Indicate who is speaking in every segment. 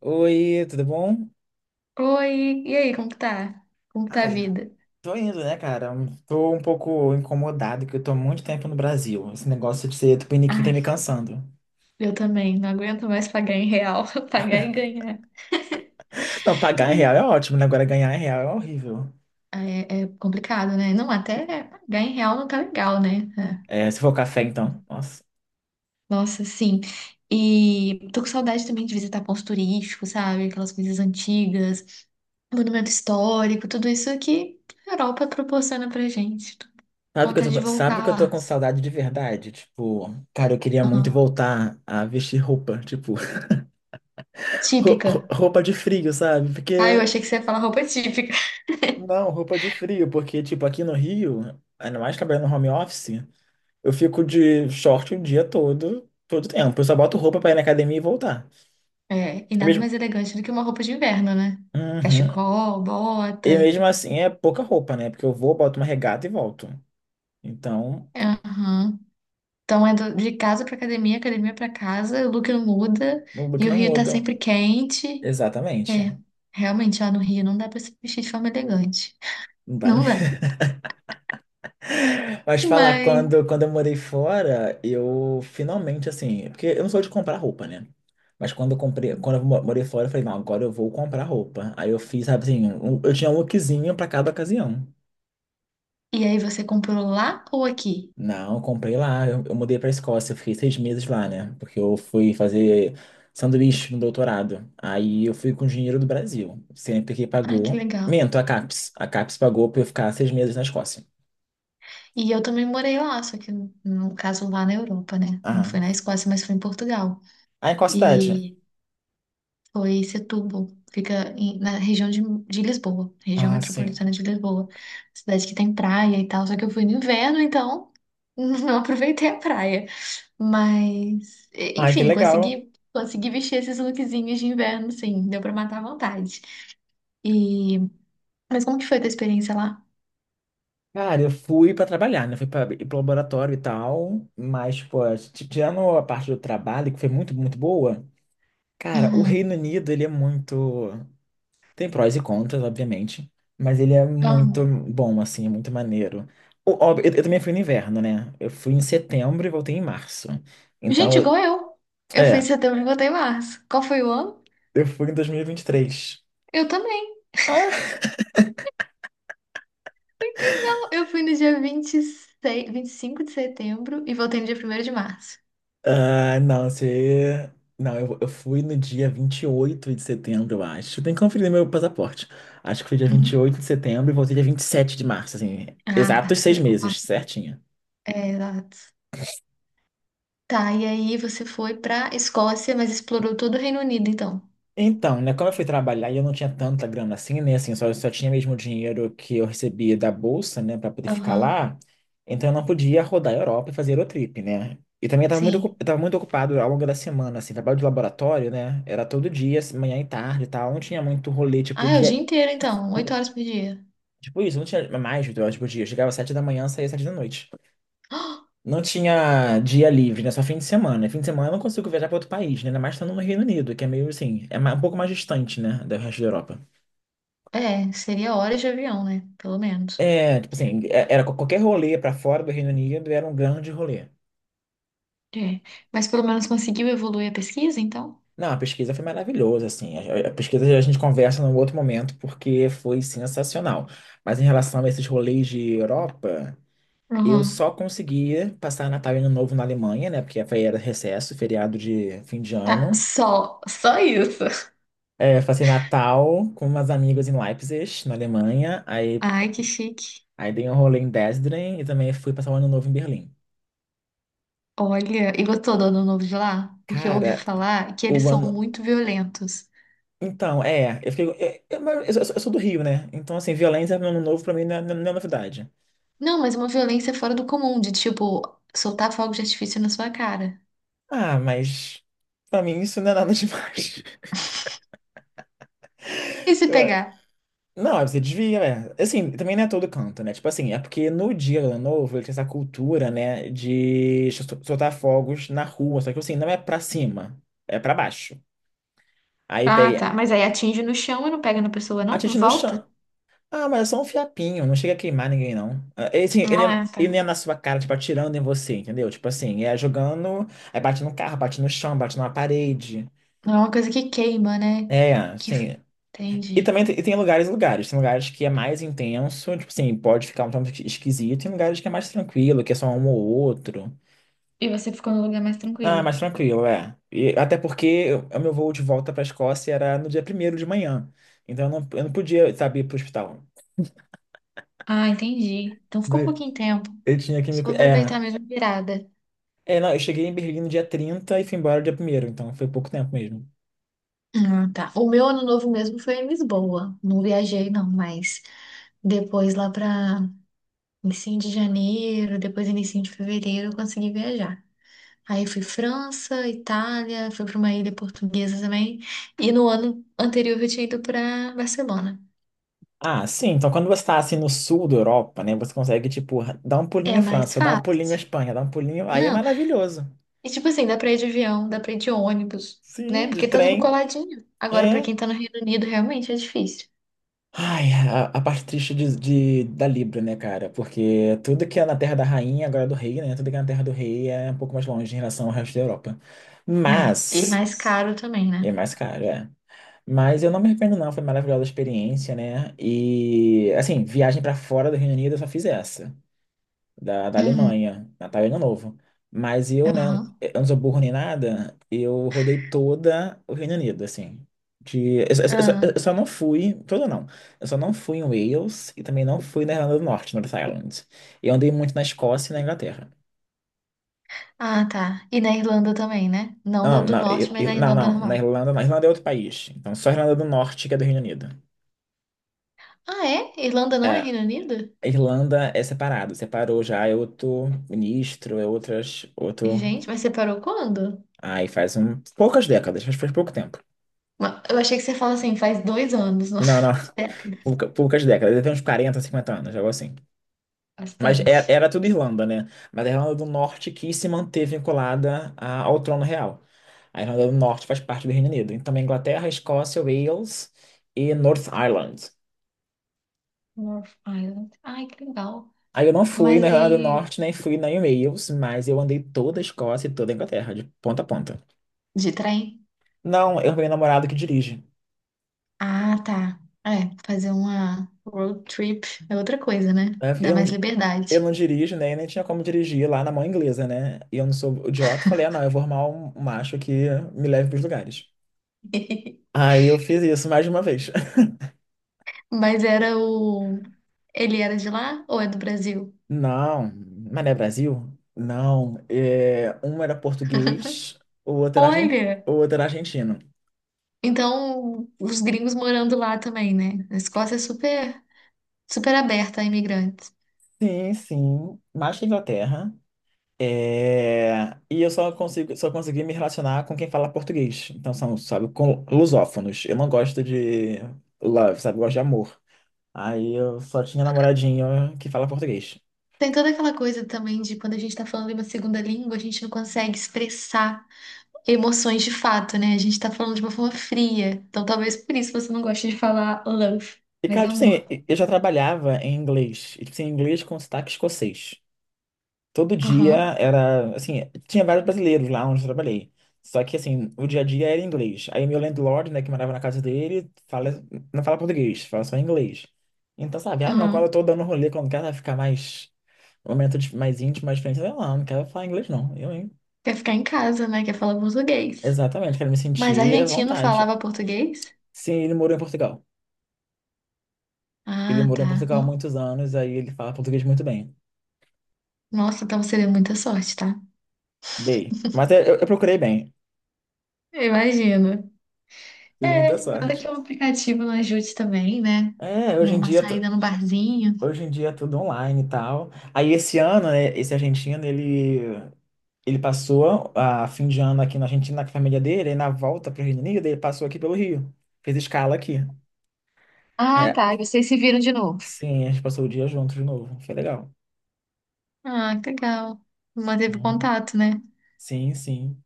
Speaker 1: Oi, tudo bom?
Speaker 2: Oi, e aí, como que tá? Como que tá a
Speaker 1: Ai,
Speaker 2: vida?
Speaker 1: tô indo, né, cara? Tô um pouco incomodado que eu tô há muito tempo no Brasil. Esse negócio de ser tupiniquim tá
Speaker 2: Ai,
Speaker 1: me cansando.
Speaker 2: eu também, não aguento mais pagar em real, pagar e ganhar.
Speaker 1: Não, pagar em
Speaker 2: Ih.
Speaker 1: real é ótimo, né? Agora ganhar em real é horrível.
Speaker 2: É, é complicado, né? Não, até pagar em real não tá legal, né? É.
Speaker 1: É, se for café, então. Nossa.
Speaker 2: Nossa, sim. E tô com saudade também de visitar pontos turísticos, sabe? Aquelas coisas antigas, monumento histórico, tudo isso que a Europa proporciona pra gente. Tô com
Speaker 1: Sabe que eu tô,
Speaker 2: vontade de
Speaker 1: com- sabe
Speaker 2: voltar
Speaker 1: que eu tô
Speaker 2: lá.
Speaker 1: com saudade de verdade? Tipo, cara, eu queria muito
Speaker 2: Ah,
Speaker 1: voltar a vestir roupa, tipo,
Speaker 2: típica.
Speaker 1: roupa de frio, sabe?
Speaker 2: Ah, eu
Speaker 1: Porque,
Speaker 2: achei que você ia falar roupa típica.
Speaker 1: não, roupa de frio, porque, tipo, aqui no Rio, ainda mais trabalhando no home office. Eu fico de short o dia todo, todo tempo. Eu só boto roupa pra ir na academia e voltar.
Speaker 2: É, e
Speaker 1: É
Speaker 2: nada
Speaker 1: mesmo.
Speaker 2: mais elegante do que uma roupa de inverno, né?
Speaker 1: Uhum.
Speaker 2: Cachecol, bota.
Speaker 1: E mesmo assim é pouca roupa, né? Porque eu vou, boto uma regata e volto. Então,
Speaker 2: Aham. Então é de casa pra academia, academia pra casa, o look não muda
Speaker 1: o look
Speaker 2: e o
Speaker 1: não
Speaker 2: Rio tá
Speaker 1: muda.
Speaker 2: sempre quente.
Speaker 1: Exatamente.
Speaker 2: É, realmente lá no Rio não dá pra se vestir de forma elegante.
Speaker 1: Não dá-
Speaker 2: Não dá.
Speaker 1: Mas falar,
Speaker 2: Mas.
Speaker 1: quando, eu morei fora, eu finalmente, assim. Porque eu não sou de comprar roupa, né? Mas quando eu comprei, quando eu morei fora, eu falei, não, agora eu vou comprar roupa. Aí eu fiz, sabe assim, eu tinha um lookzinho pra cada ocasião.
Speaker 2: E aí você comprou lá ou aqui?
Speaker 1: Não, eu comprei lá. Eu mudei para Escócia. Eu fiquei 6 meses lá, né? Porque eu fui fazer sanduíche no doutorado. Aí eu fui com dinheiro do Brasil. Sempre que
Speaker 2: Ah, que
Speaker 1: pagou.
Speaker 2: legal.
Speaker 1: Minto, a CAPES. A CAPES pagou para eu ficar 6 meses na Escócia.
Speaker 2: E eu também morei lá, só que no caso lá na Europa, né? Não foi
Speaker 1: Ah,
Speaker 2: na Escócia, mas foi em Portugal.
Speaker 1: aí qual cidade?
Speaker 2: E foi Setúbal. Fica na região de Lisboa, região
Speaker 1: Ah, sim.
Speaker 2: metropolitana de Lisboa. Cidade que tem praia e tal, só que eu fui no inverno, então não aproveitei a praia. Mas,
Speaker 1: Ai, que
Speaker 2: enfim,
Speaker 1: legal.
Speaker 2: consegui vestir esses lookzinhos de inverno, sim, deu pra matar a vontade. E, mas como que foi a tua experiência lá?
Speaker 1: Cara, eu fui para trabalhar, né? Fui para ir pro laboratório e tal. Mas, pô, tirando a parte do trabalho, que foi muito, muito boa. Cara, o
Speaker 2: Uhum.
Speaker 1: Reino Unido, ele é muito. Tem prós e contras, obviamente, mas ele é muito
Speaker 2: Uhum.
Speaker 1: bom, assim, é muito maneiro. Eu também fui no inverno, né? Eu fui em setembro e voltei em março.
Speaker 2: Gente,
Speaker 1: Então,
Speaker 2: igual eu. Eu fui em
Speaker 1: é,
Speaker 2: setembro e voltei em março. Qual foi o ano?
Speaker 1: eu fui em 2023.
Speaker 2: Eu também. Muito legal. Eu fui no dia 26, 25 de setembro e voltei no dia 1º de março.
Speaker 1: Ah, não, você. Não, eu fui no dia 28 de setembro, eu acho. Tem que conferir meu passaporte. Acho que foi dia vinte e
Speaker 2: Uhum.
Speaker 1: oito de setembro e voltei dia 27 de março, assim.
Speaker 2: Ah,
Speaker 1: Exatos
Speaker 2: tá. Você
Speaker 1: seis
Speaker 2: ficou lá.
Speaker 1: meses, certinho.
Speaker 2: É, exato. Tá, e aí você foi pra Escócia, mas explorou todo o Reino Unido, então.
Speaker 1: Então, né, como eu fui trabalhar e eu não tinha tanta grana assim, né, assim, só tinha mesmo o dinheiro que eu recebia da bolsa, né, para poder ficar
Speaker 2: Aham.
Speaker 1: lá, então eu não podia rodar a Europa e fazer Eurotrip, né? E também eu tava muito,
Speaker 2: Sim.
Speaker 1: eu tava muito ocupado ao longo da semana, assim, trabalho de laboratório, né, era todo dia, assim, manhã e tarde e tal, não tinha muito rolê, tipo,
Speaker 2: Ah, é o dia
Speaker 1: dia.
Speaker 2: inteiro, então.
Speaker 1: hum,
Speaker 2: 8 horas por dia.
Speaker 1: Tipo isso, não tinha mais 8 horas por dia, eu chegava às 7 da manhã, saía às 7 da noite. Não tinha dia livre, né, só fim de semana. E fim de semana eu não consigo viajar para outro país, né, ainda mais estando no Reino Unido, que é meio assim, ma- um pouco mais distante, né, do resto da Europa.
Speaker 2: Ah, é, seria horas de avião, né? Pelo menos.
Speaker 1: É, tipo assim, é- era qualquer rolê para fora do Reino Unido era um grande rolê.
Speaker 2: É. Mas pelo menos conseguiu evoluir a pesquisa, então?
Speaker 1: Não, a pesquisa foi maravilhosa, assim. Pesquisa a gente conversa num outro momento porque foi sensacional. Mas em relação a esses rolês de Europa, eu
Speaker 2: Aham.
Speaker 1: só conseguia passar Natal e Ano Novo na Alemanha, né? Porque era recesso, feriado de fim de
Speaker 2: Ah,
Speaker 1: ano.
Speaker 2: só, só isso.
Speaker 1: É, passei Natal com umas amigas em Leipzig, na Alemanha. Aí,
Speaker 2: Ai, que chique.
Speaker 1: aí dei um rolê em Dresden e também fui passar o Ano Novo em Berlim.
Speaker 2: Olha, e gostou do Ano Novo de lá? Porque eu ouvi
Speaker 1: Cara,
Speaker 2: falar que
Speaker 1: o
Speaker 2: eles são
Speaker 1: ano.
Speaker 2: muito violentos.
Speaker 1: Então, é, eu fiquei. Mas eu sou do Rio, né? Então, assim, violência no ano novo pra mim não é novidade.
Speaker 2: Não, mas uma violência fora do comum, de tipo, soltar fogo de artifício na sua cara.
Speaker 1: Ah, mas pra mim isso não é nada demais.
Speaker 2: E se
Speaker 1: Eu, é,
Speaker 2: pegar?
Speaker 1: não, você desvia, é. Assim, também não é todo canto, né? Tipo assim, é porque no dia do ano novo ele tem essa cultura, né, de soltar fogos na rua, só que assim, não é pra cima, é pra baixo. Aí
Speaker 2: Ah,
Speaker 1: pega.
Speaker 2: tá. Mas aí atinge no chão e não pega na pessoa, não? Não
Speaker 1: Atira no
Speaker 2: volta?
Speaker 1: chão. Ah, mas é só um fiapinho, não chega a queimar ninguém, não. Ah, Ele, assim, ele,
Speaker 2: Ah, tá.
Speaker 1: ele não é na sua cara, tipo, atirando em você, entendeu? Tipo assim, é jogando, aí bate no carro, bate no chão, bate numa parede.
Speaker 2: Não é uma coisa que queima, né?
Speaker 1: É,
Speaker 2: Que...
Speaker 1: assim. E
Speaker 2: Entendi.
Speaker 1: também tem, e tem lugares e lugares. Tem lugares que é mais intenso, tipo assim, pode ficar um tanto esquisito, e tem lugares que é mais tranquilo, que é só um ou outro.
Speaker 2: E você ficou num lugar mais
Speaker 1: Ah,
Speaker 2: tranquilo.
Speaker 1: mais tranquilo, é. E, até porque o meu voo de volta pra Escócia era no dia primeiro de manhã. Então eu não podia, sabe, ir pro hospital.
Speaker 2: Ah, entendi. Então ficou um
Speaker 1: Daí
Speaker 2: pouquinho tempo.
Speaker 1: Eu tinha que
Speaker 2: Só
Speaker 1: me. Cu-
Speaker 2: vou aproveitar
Speaker 1: É.
Speaker 2: mesmo a virada.
Speaker 1: É, não, eu cheguei em Berlim no dia 30 e fui embora no dia primeiro, então foi pouco tempo mesmo.
Speaker 2: Ah, tá. O meu ano novo mesmo foi em Lisboa. Não viajei, não, mas depois, lá para início de janeiro, depois início de fevereiro, eu consegui viajar. Aí fui França, Itália, fui para uma ilha portuguesa também. E no ano anterior eu tinha ido para Barcelona.
Speaker 1: Ah, sim, então quando você tá assim no sul da Europa, né, você consegue, tipo, dar um
Speaker 2: É
Speaker 1: pulinho à
Speaker 2: mais
Speaker 1: França, dar um pulinho à
Speaker 2: fácil.
Speaker 1: Espanha, dar um pulinho, aí é
Speaker 2: Não,
Speaker 1: maravilhoso.
Speaker 2: e tipo assim, dá para ir de avião, dá para ir de ônibus, né?
Speaker 1: Sim, de
Speaker 2: Porque tá tudo
Speaker 1: trem,
Speaker 2: coladinho. Agora, para
Speaker 1: é.
Speaker 2: quem tá no Reino Unido, realmente é difícil.
Speaker 1: Ai, a parte triste da Libra, né, cara? Porque tudo que é na terra da rainha, agora é do rei, né, tudo que é na terra do rei é um pouco mais longe em relação ao resto da Europa.
Speaker 2: É. E
Speaker 1: Mas,
Speaker 2: mais caro também,
Speaker 1: é
Speaker 2: né?
Speaker 1: mais caro, é. Mas eu não me arrependo, não. Foi maravilhosa a experiência, né? E, assim, viagem pra fora do Reino Unido eu só fiz essa, da
Speaker 2: Uhum.
Speaker 1: Alemanha, Natal e Ano Novo. Mas eu, né,
Speaker 2: Aham.
Speaker 1: eu não sou burro nem nada, eu rodei toda o Reino Unido, assim. De, eu, só, eu só-
Speaker 2: Ah,
Speaker 1: eu só não fui, todo não. Eu só não fui em Wales e também não fui na Irlanda do Norte, North Island. Eu andei muito na Escócia e na Inglaterra.
Speaker 2: ah, tá. E na Irlanda também, né? Não na
Speaker 1: Não,
Speaker 2: do
Speaker 1: não,
Speaker 2: norte, mas na
Speaker 1: não,
Speaker 2: Irlanda
Speaker 1: não, na
Speaker 2: normal.
Speaker 1: Irlanda, na Irlanda é outro país. Então só a Irlanda do Norte que é do Reino Unido.
Speaker 2: Ah, é? Irlanda não é
Speaker 1: É,
Speaker 2: Reino Unido?
Speaker 1: a Irlanda é separado, separou já, é outro ministro, é outras, outro.
Speaker 2: Gente, mas você parou quando?
Speaker 1: Aí faz poucas décadas, acho que faz pouco tempo.
Speaker 2: Ma- Eu achei que você fala assim, faz dois anos, nossa,
Speaker 1: Não, não,
Speaker 2: décadas.
Speaker 1: poucas décadas, deve ter uns 40, 50 anos, algo assim. Mas era,
Speaker 2: Bastante.
Speaker 1: era tudo Irlanda, né? Mas a Irlanda do Norte quis se manter vinculada ao trono real. A Irlanda do Norte faz parte do Reino Unido. Então, a Inglaterra, Escócia, Wales e North Ireland.
Speaker 2: North Island. Ai, que legal.
Speaker 1: Aí eu não fui
Speaker 2: Mas
Speaker 1: na Irlanda do
Speaker 2: aí.
Speaker 1: Norte, nem fui na em Wales, mas eu andei toda a Escócia e toda a Inglaterra, de ponta a ponta.
Speaker 2: De trem?
Speaker 1: Não, eu tenho namorado que dirige,
Speaker 2: Ah, tá. É, fazer uma road trip é outra coisa, né?
Speaker 1: né?
Speaker 2: Dá
Speaker 1: Eu não,
Speaker 2: mais
Speaker 1: di- eu
Speaker 2: liberdade.
Speaker 1: não dirijo, né? Nem tinha como dirigir lá na mão inglesa, né? E eu não sou idiota. Falei, ah, não, eu vou arrumar um macho que me leve pros lugares. Aí eu fiz isso mais de uma vez.
Speaker 2: Mas era o. Ele era de lá ou é do Brasil?
Speaker 1: Não, mas não é Brasil? Não. É, um era português, o outro era, argen-
Speaker 2: Olha!
Speaker 1: o outro era argentino.
Speaker 2: Então, os gringos morando lá também, né? A Escócia é super, super aberta a imigrantes.
Speaker 1: Sim, sim. Mas da Inglaterra. É, e eu só consegui me relacionar com quem fala português. Então são, sabe, com lusófonos. Eu não gosto de love, sabe? Eu gosto de amor. Aí eu só tinha namoradinho que fala português.
Speaker 2: Tem toda aquela coisa também de quando a gente tá falando em uma segunda língua, a gente não consegue expressar emoções de fato, né? A gente tá falando de uma forma fria. Então talvez por isso você não goste de falar love,
Speaker 1: E,
Speaker 2: mas
Speaker 1: cara, tipo
Speaker 2: amor.
Speaker 1: assim, eu já trabalhava em inglês. E, tipo assim, inglês com sotaque escocês. Todo dia
Speaker 2: Aham,
Speaker 1: era, assim, tinha vários brasileiros lá onde eu trabalhei. Só que, assim, o dia a dia era em inglês. Aí meu landlord, né, que morava na casa dele, fala, não fala português, fala só inglês. Então, sabe, ah, não, quando eu
Speaker 2: aham.
Speaker 1: tô dando rolê, quando quero ficar mais, mais íntimo, mais diferente, eu não, não quero falar inglês, não. Eu, hein?
Speaker 2: Quer ficar em casa, né? Quer falar português.
Speaker 1: Exatamente, quero me
Speaker 2: Mas
Speaker 1: sentir à
Speaker 2: argentino
Speaker 1: vontade.
Speaker 2: falava português?
Speaker 1: Sim, ele morou em Portugal. Ele
Speaker 2: Ah,
Speaker 1: morou em
Speaker 2: tá.
Speaker 1: Portugal há
Speaker 2: No-
Speaker 1: muitos anos, aí ele fala português muito bem.
Speaker 2: Nossa, então você deu muita sorte, tá?
Speaker 1: Bem, mas eu procurei bem.
Speaker 2: Eu imagino.
Speaker 1: Tive
Speaker 2: É,
Speaker 1: muita
Speaker 2: nada que é
Speaker 1: sorte.
Speaker 2: um aplicativo não ajude também, né?
Speaker 1: É, hoje em
Speaker 2: Uma
Speaker 1: dia.
Speaker 2: saída no barzinho.
Speaker 1: Hoje em dia é tudo online e tal. Aí esse ano, né, esse argentino, ele passou a fim de ano aqui na Argentina com a família dele, aí na volta para o Reino Unido, ele passou aqui pelo Rio. Fez escala aqui.
Speaker 2: Ah,
Speaker 1: É,
Speaker 2: tá. E vocês se viram de novo.
Speaker 1: sim, a gente passou o dia junto de novo. Foi legal.
Speaker 2: Ah, que legal. Manteve o
Speaker 1: Uhum.
Speaker 2: contato, né?
Speaker 1: Sim, sim.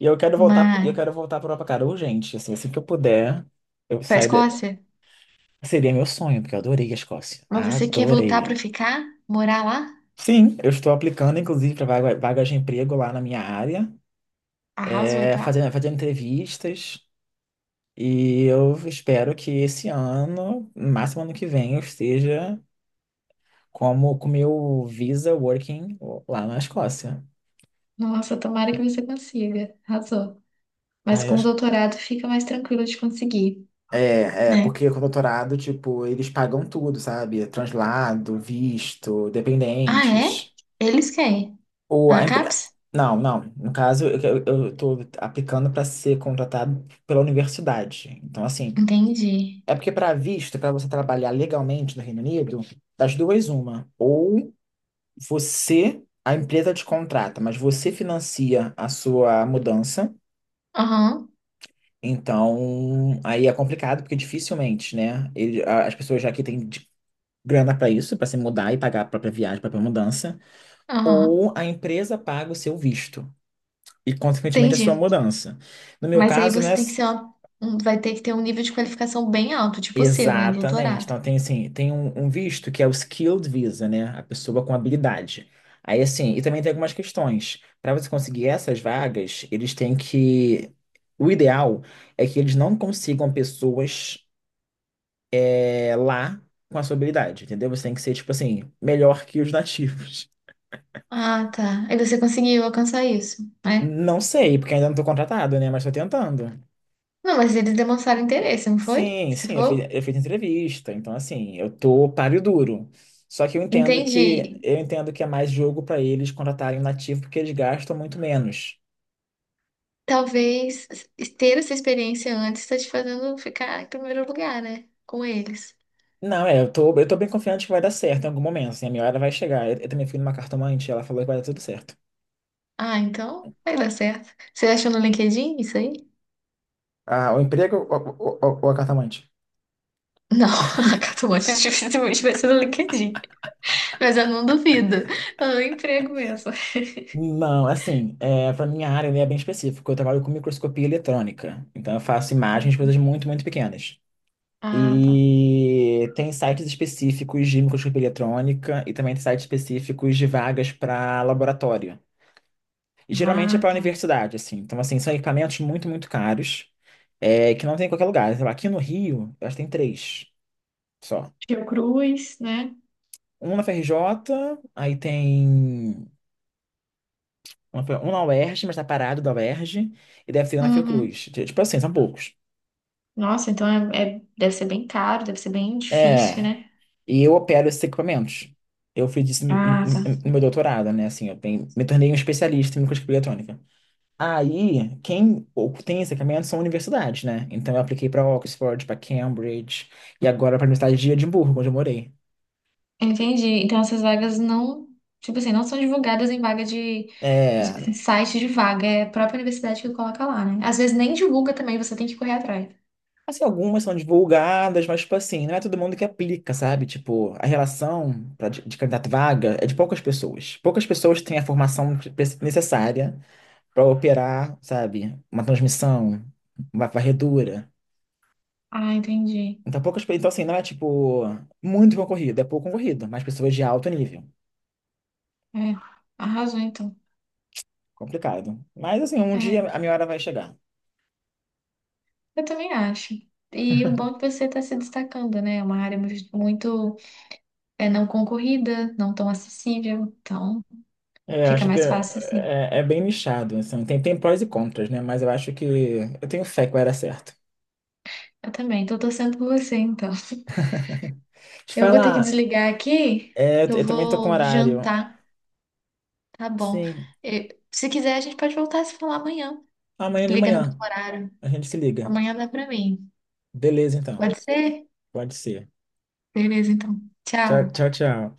Speaker 1: E eu
Speaker 2: Mas,
Speaker 1: quero voltar para Europa, cara, urgente. Assim, assim que eu puder, eu
Speaker 2: pra
Speaker 1: saio.
Speaker 2: Escócia?
Speaker 1: Seria meu sonho, porque eu adorei a Escócia.
Speaker 2: Mas você quer voltar pra
Speaker 1: Adorei.
Speaker 2: ficar? Morar lá?
Speaker 1: Sim, eu estou aplicando, inclusive, para vagas de emprego lá na minha área.
Speaker 2: Arrasou,
Speaker 1: É,
Speaker 2: tá?
Speaker 1: fazendo entrevistas. E eu espero que esse ano, no máximo ano que vem, eu esteja com o meu Visa Working lá na Escócia.
Speaker 2: Nossa, tomara que você consiga. Arrasou. Mas
Speaker 1: Aí eu
Speaker 2: com o
Speaker 1: acho que-
Speaker 2: doutorado fica mais tranquilo de conseguir,
Speaker 1: É,
Speaker 2: né?
Speaker 1: porque com o doutorado, tipo, eles pagam tudo, sabe? Translado, visto,
Speaker 2: Ah, é?
Speaker 1: dependentes.
Speaker 2: Eles querem.
Speaker 1: Ou
Speaker 2: A
Speaker 1: a empre...
Speaker 2: CAPES?
Speaker 1: Não, não. No caso, eu tô aplicando para ser contratado pela universidade. Então, assim,
Speaker 2: Entendi.
Speaker 1: é porque para visto, para você trabalhar legalmente no Reino Unido, das duas uma, ou você, a empresa te contrata, mas você financia a sua mudança.
Speaker 2: Aham,
Speaker 1: Então, aí é complicado porque dificilmente, né? As pessoas já aqui têm grana para isso, para se mudar e pagar a própria viagem, a própria mudança,
Speaker 2: aham.
Speaker 1: ou a empresa paga o seu visto e consequentemente a sua
Speaker 2: Entendi.
Speaker 1: mudança. No meu
Speaker 2: Mas aí
Speaker 1: caso,
Speaker 2: você
Speaker 1: né?
Speaker 2: tem que ser vai ter que ter um nível de qualificação bem alto, tipo o seu, né?
Speaker 1: Exatamente.
Speaker 2: Doutorado.
Speaker 1: Então tem assim, tem um visto que é o skilled visa, né? A pessoa com habilidade. Aí assim, e também tem algumas questões. Para você conseguir essas vagas, eles têm que. O ideal é que eles não consigam pessoas lá com a sua habilidade, entendeu? Você tem que ser, tipo assim, melhor que os nativos.
Speaker 2: Ah, tá. Aí você conseguiu alcançar isso, né?
Speaker 1: Não sei, porque ainda não estou contratado, né? Mas estou tentando.
Speaker 2: Não, mas eles demonstraram interesse, não foi?
Speaker 1: Sim,
Speaker 2: Se
Speaker 1: sim, eu fiz,
Speaker 2: for?
Speaker 1: eu fiz entrevista, então assim, eu tô páreo duro. Só que eu entendo
Speaker 2: Entendi.
Speaker 1: que eu entendo que é mais jogo para eles contratarem um nativo porque eles gastam muito menos.
Speaker 2: Talvez ter essa experiência antes está te fazendo ficar em primeiro lugar, né? Com eles.
Speaker 1: Não, é, eu tô bem confiante que vai dar certo em algum momento, assim, a minha hora vai chegar. Eu também fui numa cartomante, ela falou que vai dar tudo certo.
Speaker 2: Ah, então vai dar certo. Você achou no LinkedIn isso aí?
Speaker 1: Ah, o emprego ou, ou a cartomante?
Speaker 2: Não, a Catamonte dificilmente vai ser no LinkedIn. Mas eu não duvido. É um emprego mesmo.
Speaker 1: Não, assim, é, para minha área ele é bem específico. Eu trabalho com microscopia eletrônica, então eu faço imagens de coisas muito, muito pequenas.
Speaker 2: Ah, tá.
Speaker 1: E tem sites específicos de microscopia eletrônica e também tem sites específicos de vagas para laboratório. E geralmente é
Speaker 2: Ah,
Speaker 1: para
Speaker 2: tá.
Speaker 1: universidade, assim. Então, assim, são equipamentos muito, muito caros, que não tem em qualquer lugar. Sei lá, aqui no Rio, eu acho que tem três só.
Speaker 2: Fiocruz, né?
Speaker 1: Um na FRJ, aí tem um na UERJ, mas tá parado da UERJ, e deve ter um na
Speaker 2: Uhum.
Speaker 1: Fiocruz. Tipo assim, são poucos.
Speaker 2: Nossa, então deve ser bem caro, deve ser bem difícil,
Speaker 1: É.
Speaker 2: né?
Speaker 1: E eu opero esses equipamentos. Eu fiz isso no
Speaker 2: Ah, tá.
Speaker 1: no- no meu doutorado, né? Assim, eu me tornei um especialista em microscopia eletrônica. Aí, quem tem esse equipamento são universidades, né? Então, eu apliquei para Oxford, para Cambridge e agora para a Universidade de Edimburgo, onde eu morei.
Speaker 2: Entendi. Então essas vagas não, tipo assim, não são divulgadas em vaga de,
Speaker 1: É,
Speaker 2: site de vaga, é a própria universidade que coloca lá, né? Às vezes nem divulga também, você tem que correr atrás.
Speaker 1: assim, algumas são divulgadas, mas, tipo assim, não é todo mundo que aplica, sabe? Tipo, a relação de candidato vaga é de poucas pessoas. Poucas pessoas têm a formação necessária para operar, sabe? Uma transmissão, uma varredura.
Speaker 2: Ah, entendi.
Speaker 1: Então, poucas, então, assim, não é tipo muito concorrido, é pouco concorrido, mas pessoas de alto nível.
Speaker 2: É, arrasou então.
Speaker 1: Complicado. Mas, assim, um
Speaker 2: É,
Speaker 1: dia a minha hora vai chegar.
Speaker 2: eu também acho. E o bom é que você está se destacando, né? É uma área muito, é, não concorrida, não tão acessível, então
Speaker 1: É,
Speaker 2: fica
Speaker 1: acho que
Speaker 2: mais
Speaker 1: é,
Speaker 2: fácil assim.
Speaker 1: é bem nichado, assim, tem prós e contras, né? Mas eu acho que eu tenho fé que vai dar certo.
Speaker 2: Eu também, tô torcendo por você, então.
Speaker 1: Te
Speaker 2: Eu vou ter que
Speaker 1: falar,
Speaker 2: desligar aqui,
Speaker 1: é,
Speaker 2: eu
Speaker 1: eu também tô com
Speaker 2: vou
Speaker 1: horário.
Speaker 2: jantar. Tá bom.
Speaker 1: Sim,
Speaker 2: Se quiser, a gente pode voltar a se falar amanhã.
Speaker 1: amanhã
Speaker 2: Se
Speaker 1: de
Speaker 2: liga no mesmo
Speaker 1: manhã
Speaker 2: horário.
Speaker 1: a gente se liga.
Speaker 2: Amanhã dá pra mim.
Speaker 1: Beleza, então.
Speaker 2: Pode ser?
Speaker 1: Pode ser.
Speaker 2: Beleza, então.
Speaker 1: Tchau, tchau,
Speaker 2: Tchau.
Speaker 1: tchau.